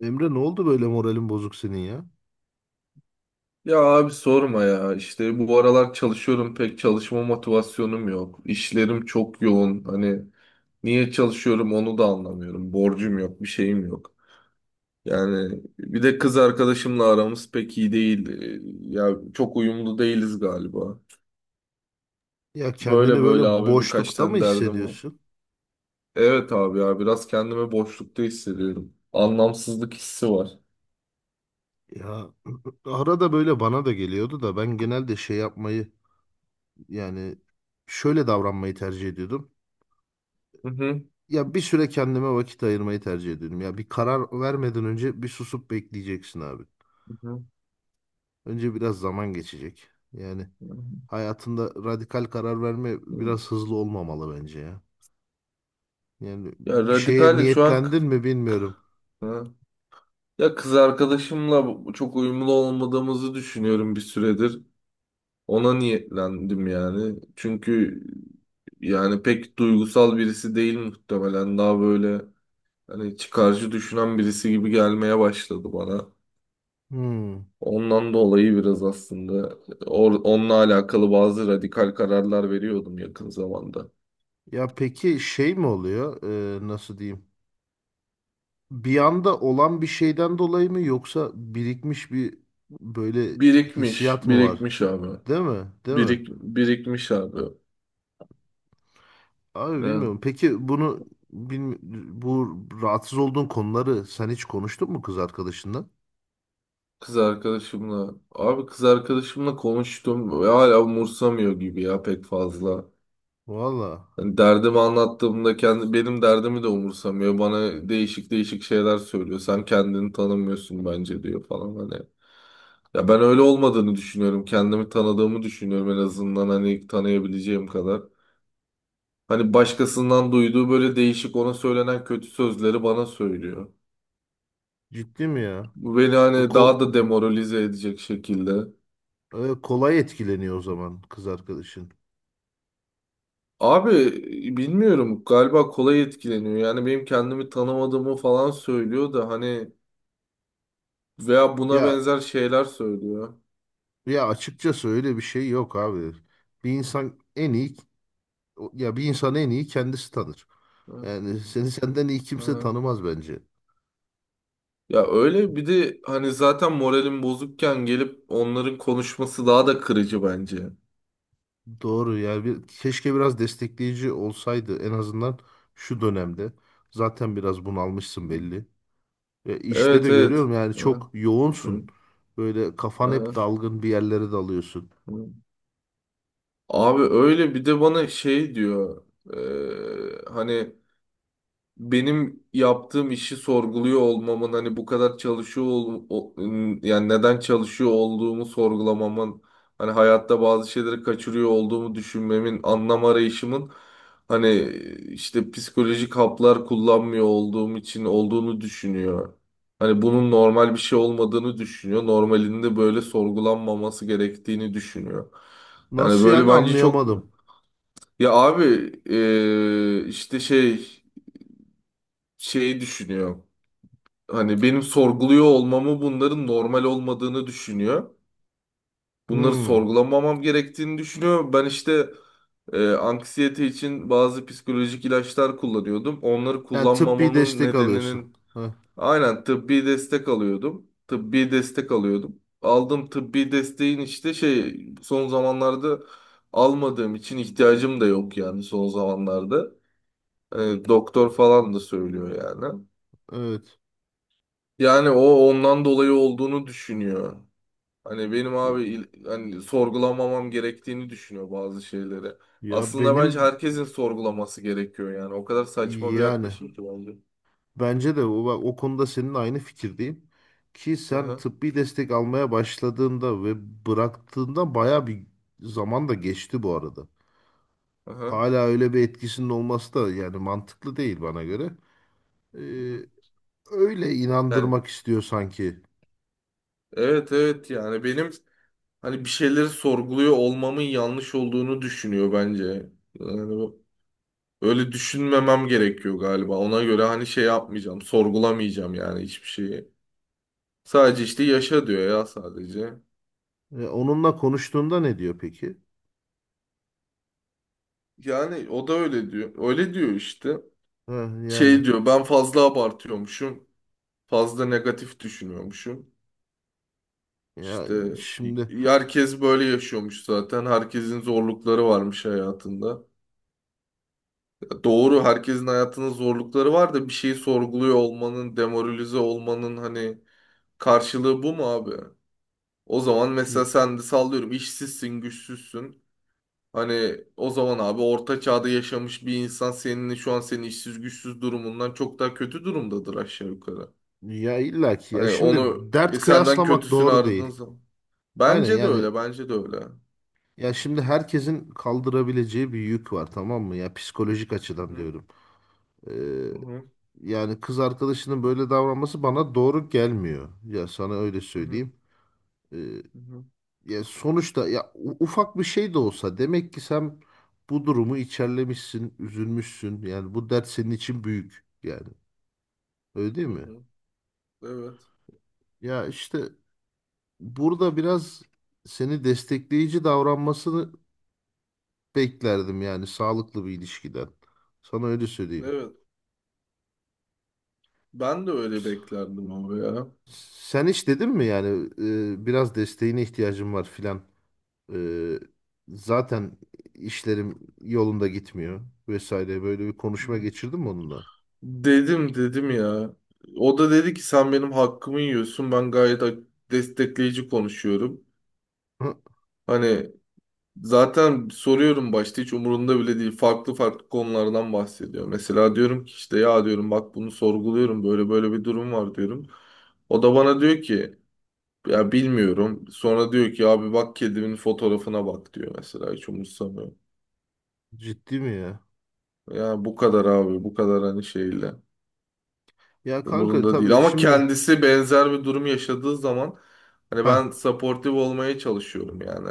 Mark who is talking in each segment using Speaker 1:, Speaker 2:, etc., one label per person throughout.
Speaker 1: Emre ne oldu böyle moralin bozuk senin ya?
Speaker 2: Ya abi sorma ya işte bu aralar çalışıyorum pek çalışma motivasyonum yok. İşlerim çok yoğun hani niye çalışıyorum onu da anlamıyorum. Borcum yok bir şeyim yok. Yani bir de kız arkadaşımla aramız pek iyi değil. Ya çok uyumlu değiliz galiba.
Speaker 1: Ya kendini
Speaker 2: Böyle
Speaker 1: böyle
Speaker 2: böyle abi birkaç
Speaker 1: boşlukta mı
Speaker 2: tane derdim var.
Speaker 1: hissediyorsun?
Speaker 2: Evet abi ya biraz kendimi boşlukta hissediyorum. Anlamsızlık hissi var.
Speaker 1: Ya arada böyle bana da geliyordu da ben genelde yapmayı yani şöyle davranmayı tercih ediyordum.
Speaker 2: Hı hı.
Speaker 1: Ya bir süre kendime vakit ayırmayı tercih ediyordum. Ya bir karar vermeden önce bir susup bekleyeceksin abi.
Speaker 2: Hı
Speaker 1: Önce biraz zaman geçecek. Yani hayatında radikal karar verme
Speaker 2: hı.
Speaker 1: biraz hızlı olmamalı bence ya. Yani
Speaker 2: Ya
Speaker 1: bir şeye
Speaker 2: radikal şu an.
Speaker 1: niyetlendin mi bilmiyorum.
Speaker 2: Ha. Ya kız arkadaşımla çok uyumlu olmadığımızı düşünüyorum bir süredir. Ona niyetlendim yani. Çünkü yani pek duygusal birisi değil muhtemelen. Daha böyle hani çıkarcı düşünen birisi gibi gelmeye başladı bana.
Speaker 1: Hmm.
Speaker 2: Ondan dolayı biraz aslında onunla alakalı bazı radikal kararlar veriyordum yakın zamanda.
Speaker 1: Ya peki şey mi oluyor? Nasıl diyeyim? Bir anda olan bir şeyden dolayı mı yoksa birikmiş bir böyle
Speaker 2: Birikmiş,
Speaker 1: hissiyat mı var?
Speaker 2: birikmiş abi.
Speaker 1: Değil mi? Değil mi?
Speaker 2: Birikmiş abi.
Speaker 1: Abi
Speaker 2: Ya.
Speaker 1: bilmiyorum. Peki bunu bilmi- bu rahatsız olduğun konuları sen hiç konuştun mu kız arkadaşınla?
Speaker 2: Kız arkadaşımla. Abi kız arkadaşımla konuştum ve hala umursamıyor gibi ya pek fazla.
Speaker 1: Valla
Speaker 2: Hani derdimi anlattığımda kendi benim derdimi de umursamıyor. Bana değişik değişik şeyler söylüyor. Sen kendini tanımıyorsun bence diyor falan hani. Ya ben öyle olmadığını düşünüyorum. Kendimi tanıdığımı düşünüyorum en azından hani tanıyabileceğim kadar. Hani başkasından duyduğu böyle değişik ona söylenen kötü sözleri bana söylüyor.
Speaker 1: ciddi mi ya?
Speaker 2: Bu beni
Speaker 1: Bu
Speaker 2: hani daha
Speaker 1: ko-
Speaker 2: da demoralize edecek şekilde.
Speaker 1: Kolay etkileniyor o zaman kız arkadaşın.
Speaker 2: Abi bilmiyorum galiba kolay etkileniyor. Yani benim kendimi tanımadığımı falan söylüyor da hani veya buna
Speaker 1: Ya
Speaker 2: benzer şeyler söylüyor.
Speaker 1: ya açıkçası öyle bir şey yok abi. Bir insan en iyi Ya bir insan en iyi kendisi tanır.
Speaker 2: Ha,
Speaker 1: Yani seni senden iyi kimse
Speaker 2: ha.
Speaker 1: tanımaz bence.
Speaker 2: Ya öyle bir de hani zaten moralim bozukken gelip onların konuşması daha da kırıcı bence.
Speaker 1: Doğru yani bir, keşke biraz destekleyici olsaydı en azından şu dönemde. Zaten biraz bunalmışsın
Speaker 2: Hı.
Speaker 1: belli. İşte
Speaker 2: Evet
Speaker 1: de
Speaker 2: evet.
Speaker 1: görüyorum yani
Speaker 2: Ha,
Speaker 1: çok
Speaker 2: hı,
Speaker 1: yoğunsun. Böyle kafan hep
Speaker 2: ha,
Speaker 1: dalgın bir yerlere dalıyorsun.
Speaker 2: hı. Abi öyle bir de bana şey diyor. Hani benim yaptığım işi sorguluyor olmamın hani bu kadar çalışıyor yani neden çalışıyor olduğumu sorgulamamın hani hayatta bazı şeyleri kaçırıyor olduğumu düşünmemin anlam arayışımın hani işte psikolojik haplar kullanmıyor olduğum için olduğunu düşünüyor. Hani bunun normal bir şey olmadığını düşünüyor. Normalinde böyle sorgulanmaması gerektiğini düşünüyor. Yani
Speaker 1: Nasıl
Speaker 2: böyle
Speaker 1: yani
Speaker 2: bence çok
Speaker 1: anlayamadım.
Speaker 2: ya abi işte şey şeyi düşünüyor. Hani benim sorguluyor olmamı bunların normal olmadığını düşünüyor. Bunları
Speaker 1: Hmm.
Speaker 2: sorgulamamam gerektiğini düşünüyor. Ben işte anksiyete için bazı psikolojik ilaçlar kullanıyordum. Onları
Speaker 1: Yani tıbbi
Speaker 2: kullanmamanın
Speaker 1: destek alıyorsun.
Speaker 2: nedeninin
Speaker 1: Heh,
Speaker 2: aynen tıbbi destek alıyordum. Tıbbi destek alıyordum. Aldığım tıbbi desteğin işte şey son zamanlarda almadığım için ihtiyacım da yok yani son zamanlarda. E, Doktor falan da söylüyor yani.
Speaker 1: evet.
Speaker 2: Yani o ondan dolayı olduğunu düşünüyor. Hani benim abi hani sorgulamamam gerektiğini düşünüyor bazı şeyleri.
Speaker 1: Ya
Speaker 2: Aslında bence
Speaker 1: benim
Speaker 2: herkesin sorgulaması gerekiyor yani. O kadar saçma bir
Speaker 1: yani
Speaker 2: yaklaşım ki bence.
Speaker 1: Bence de o, bak, o konuda senin aynı fikirdeyim. Ki sen
Speaker 2: Aha,
Speaker 1: tıbbi destek almaya başladığında ve bıraktığında baya bir zaman da geçti bu arada.
Speaker 2: aha,
Speaker 1: Hala öyle bir etkisinin olması da yani mantıklı değil bana göre. Ee,
Speaker 2: aha.
Speaker 1: Öyle
Speaker 2: Yani
Speaker 1: inandırmak istiyor sanki.
Speaker 2: evet evet yani benim hani bir şeyleri sorguluyor olmamın yanlış olduğunu düşünüyor bence. Yani öyle düşünmemem gerekiyor galiba. Ona göre hani şey yapmayacağım, sorgulamayacağım yani hiçbir şeyi. Sadece işte yaşa diyor ya sadece.
Speaker 1: Onunla konuştuğunda ne diyor peki?
Speaker 2: Yani o da öyle diyor. Öyle diyor işte.
Speaker 1: Ha, yani
Speaker 2: Şey diyor ben fazla abartıyormuşum. Fazla negatif düşünüyormuşum.
Speaker 1: ya
Speaker 2: İşte y-
Speaker 1: şimdi
Speaker 2: herkes böyle yaşıyormuş zaten. Herkesin zorlukları varmış hayatında. Ya doğru herkesin hayatının zorlukları var da bir şeyi sorguluyor olmanın, demoralize olmanın hani karşılığı bu mu abi? O zaman mesela sen de sallıyorum işsizsin, güçsüzsün. Hani o zaman abi orta çağda yaşamış bir insan senin şu an senin işsiz güçsüz durumundan çok daha kötü durumdadır aşağı yukarı.
Speaker 1: ya illaki ya
Speaker 2: Hani
Speaker 1: şimdi
Speaker 2: onu
Speaker 1: dert
Speaker 2: senden
Speaker 1: kıyaslamak
Speaker 2: kötüsünü
Speaker 1: doğru değil.
Speaker 2: aradığın zaman.
Speaker 1: Aynen
Speaker 2: Bence de
Speaker 1: yani.
Speaker 2: öyle, bence de öyle.
Speaker 1: Ya şimdi herkesin kaldırabileceği bir yük var, tamam mı? Ya psikolojik
Speaker 2: Hı
Speaker 1: açıdan
Speaker 2: hı,
Speaker 1: diyorum. Ee,
Speaker 2: hı hı,
Speaker 1: Yani kız arkadaşının böyle davranması bana doğru gelmiyor. Ya sana öyle
Speaker 2: hı hı,
Speaker 1: söyleyeyim. Ee,
Speaker 2: hı hı,
Speaker 1: ya sonuçta ufak bir şey de olsa demek ki sen bu durumu içerlemişsin, üzülmüşsün. Yani bu dert senin için büyük yani. Öyle değil
Speaker 2: hı
Speaker 1: mi?
Speaker 2: hı. Evet,
Speaker 1: Ya işte burada biraz seni destekleyici davranmasını beklerdim yani sağlıklı bir ilişkiden. Sana öyle söyleyeyim.
Speaker 2: evet. Ben de öyle beklerdim ama ya.
Speaker 1: Sen hiç dedin mi yani biraz desteğine ihtiyacım var filan. E, Zaten işlerim yolunda gitmiyor vesaire böyle bir konuşma geçirdim onunla.
Speaker 2: Dedim, dedim ya. O da dedi ki sen benim hakkımı yiyorsun. Ben gayet destekleyici konuşuyorum.
Speaker 1: Hı,
Speaker 2: Hani zaten soruyorum başta hiç umurunda bile değil. Farklı farklı konulardan bahsediyor. Mesela diyorum ki işte ya diyorum bak bunu sorguluyorum böyle böyle bir durum var diyorum. O da bana diyor ki ya bilmiyorum. Sonra diyor ki abi bak kedimin fotoğrafına bak diyor mesela hiç umursamıyor.
Speaker 1: ciddi mi ya?
Speaker 2: Ya bu kadar abi bu kadar hani şeyle
Speaker 1: Ya kanka
Speaker 2: umurunda değil.
Speaker 1: tabii
Speaker 2: Ama
Speaker 1: şimdi
Speaker 2: kendisi benzer bir durum yaşadığı zaman hani
Speaker 1: ha
Speaker 2: ben supportive olmaya çalışıyorum yani.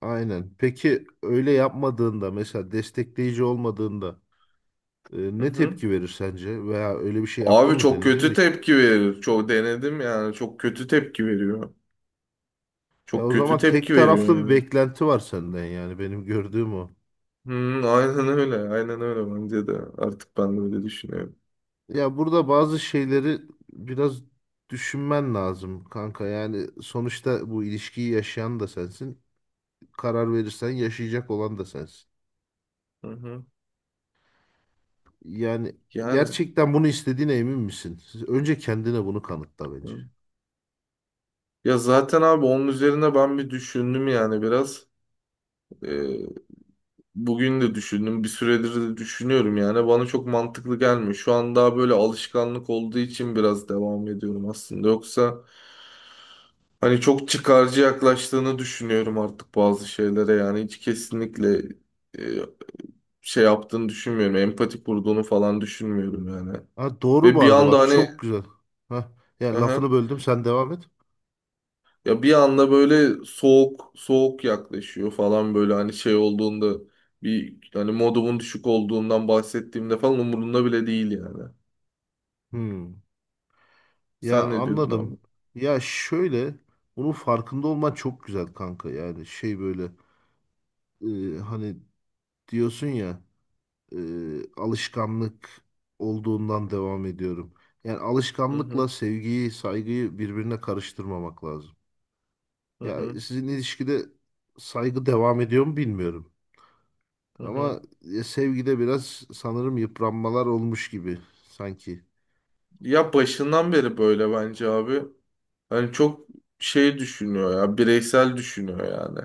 Speaker 1: aynen. Peki öyle yapmadığında mesela destekleyici olmadığında
Speaker 2: Hı
Speaker 1: ne
Speaker 2: hı.
Speaker 1: tepki verir sence? Veya öyle bir şey yaptın
Speaker 2: Abi
Speaker 1: mı,
Speaker 2: çok
Speaker 1: denedin
Speaker 2: kötü
Speaker 1: mi hiç?
Speaker 2: tepki verir. Çok denedim yani. Çok kötü tepki veriyor.
Speaker 1: Ya
Speaker 2: Çok
Speaker 1: o
Speaker 2: kötü
Speaker 1: zaman tek
Speaker 2: tepki veriyor
Speaker 1: taraflı bir
Speaker 2: yani.
Speaker 1: beklenti var senden yani benim gördüğüm o.
Speaker 2: Hı, aynen öyle. Aynen öyle bence de. Artık ben de öyle düşünüyorum.
Speaker 1: Ya burada bazı şeyleri biraz düşünmen lazım kanka. Yani sonuçta bu ilişkiyi yaşayan da sensin. Karar verirsen yaşayacak olan da sensin.
Speaker 2: Hı hı.
Speaker 1: Yani
Speaker 2: Yani.
Speaker 1: gerçekten bunu istediğine emin misin? Önce kendine bunu kanıtla bence.
Speaker 2: Hı. Ya zaten abi onun üzerine ben bir düşündüm yani biraz. Ee, Bugün de düşündüm. Bir süredir de düşünüyorum yani. Bana çok mantıklı gelmiyor. Şu an daha böyle alışkanlık olduğu için biraz devam ediyorum aslında. Yoksa hani çok çıkarcı yaklaştığını düşünüyorum artık bazı şeylere yani hiç kesinlikle e, şey yaptığını düşünmüyorum. Empati kurduğunu falan düşünmüyorum yani.
Speaker 1: Ha, doğru
Speaker 2: Ve
Speaker 1: bu
Speaker 2: bir
Speaker 1: arada
Speaker 2: anda
Speaker 1: bak
Speaker 2: hani
Speaker 1: çok güzel. Ha, ya
Speaker 2: aha,
Speaker 1: lafını böldüm, sen devam et.
Speaker 2: ya bir anda böyle soğuk soğuk yaklaşıyor falan böyle hani şey olduğunda bir hani modumun düşük olduğundan bahsettiğimde falan umurunda bile değil yani.
Speaker 1: Hmm. Ya
Speaker 2: Sen ne diyordun
Speaker 1: anladım.
Speaker 2: abi?
Speaker 1: Ya şöyle bunun farkında olman çok güzel kanka. Yani şey böyle e, hani diyorsun ya. E, Alışkanlık olduğundan devam ediyorum. Yani
Speaker 2: Hı
Speaker 1: alışkanlıkla
Speaker 2: hı
Speaker 1: sevgiyi, saygıyı birbirine karıştırmamak lazım.
Speaker 2: hı
Speaker 1: Ya
Speaker 2: hı.
Speaker 1: sizin ilişkide saygı devam ediyor mu bilmiyorum.
Speaker 2: Hı hı.
Speaker 1: Ama sevgide biraz sanırım yıpranmalar olmuş gibi sanki.
Speaker 2: Ya başından beri böyle bence abi. Hani çok şey düşünüyor ya, bireysel düşünüyor yani.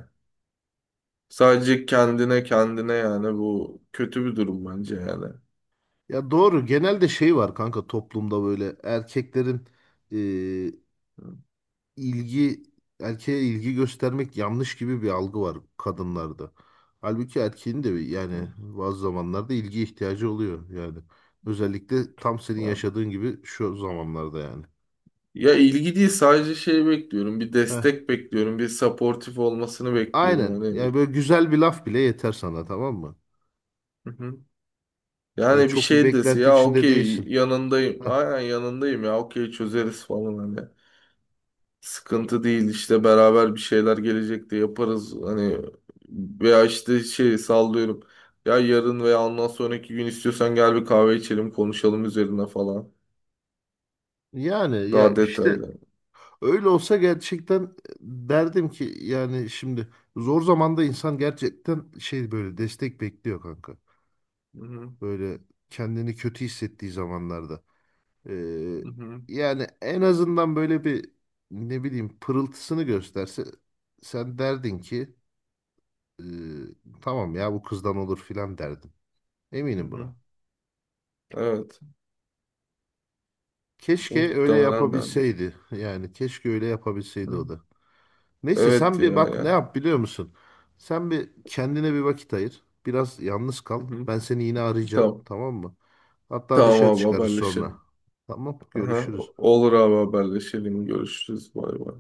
Speaker 2: Sadece kendine kendine yani bu kötü bir durum bence yani.
Speaker 1: Ya doğru genelde var kanka toplumda böyle erkeklerin e,
Speaker 2: Hı,
Speaker 1: ilgi erkeğe ilgi göstermek yanlış gibi bir algı var kadınlarda. Halbuki yani
Speaker 2: hı,
Speaker 1: bazı zamanlarda ilgi ihtiyacı oluyor yani. Özellikle tam senin
Speaker 2: hı.
Speaker 1: yaşadığın gibi şu zamanlarda yani.
Speaker 2: Ya ilgi değil sadece şey bekliyorum, bir
Speaker 1: Heh.
Speaker 2: destek bekliyorum, bir supportif olmasını bekliyorum
Speaker 1: Aynen. Yani
Speaker 2: hani.
Speaker 1: böyle güzel bir laf bile yeter sana, tamam mı?
Speaker 2: Hı hı.
Speaker 1: Yani
Speaker 2: Yani bir
Speaker 1: çok bir
Speaker 2: şey dese
Speaker 1: beklenti
Speaker 2: ya
Speaker 1: içinde
Speaker 2: okey
Speaker 1: değilsin.
Speaker 2: yanındayım,
Speaker 1: Heh.
Speaker 2: aynen yanındayım ya okey çözeriz falan hani. Sıkıntı değil işte beraber bir şeyler gelecekte yaparız. Hani veya işte şey sallıyorum. Ya yarın veya ondan sonraki gün istiyorsan gel bir kahve içelim konuşalım üzerine falan.
Speaker 1: Yani ya
Speaker 2: Daha
Speaker 1: işte
Speaker 2: detaylı.
Speaker 1: öyle olsa gerçekten derdim ki yani şimdi zor zamanda insan gerçekten böyle destek bekliyor kanka.
Speaker 2: Hı hı,
Speaker 1: Böyle kendini kötü hissettiği zamanlarda. Ee,
Speaker 2: hı hı,
Speaker 1: Yani en azından böyle bir ne bileyim pırıltısını gösterse sen derdin ki "Ee, tamam ya bu kızdan olur" filan derdin.
Speaker 2: hı
Speaker 1: Eminim
Speaker 2: hı.
Speaker 1: buna.
Speaker 2: Evet.
Speaker 1: Keşke öyle
Speaker 2: Muhtemelen de.
Speaker 1: yapabilseydi. Yani keşke öyle yapabilseydi o
Speaker 2: Hı.
Speaker 1: da. Neyse
Speaker 2: Evet
Speaker 1: sen
Speaker 2: ya
Speaker 1: bir bak ne
Speaker 2: ya.
Speaker 1: yap, biliyor musun? Sen bir Kendine bir vakit ayır. Biraz yalnız kal.
Speaker 2: Hı hı.
Speaker 1: Ben seni yine arayacağım.
Speaker 2: Tamam.
Speaker 1: Tamam mı? Hatta
Speaker 2: Tamam
Speaker 1: dışarı
Speaker 2: abi
Speaker 1: çıkarız sonra.
Speaker 2: haberleşelim.
Speaker 1: Tamam,
Speaker 2: Aha.
Speaker 1: görüşürüz.
Speaker 2: Olur abi haberleşelim. Görüşürüz. Bay bay.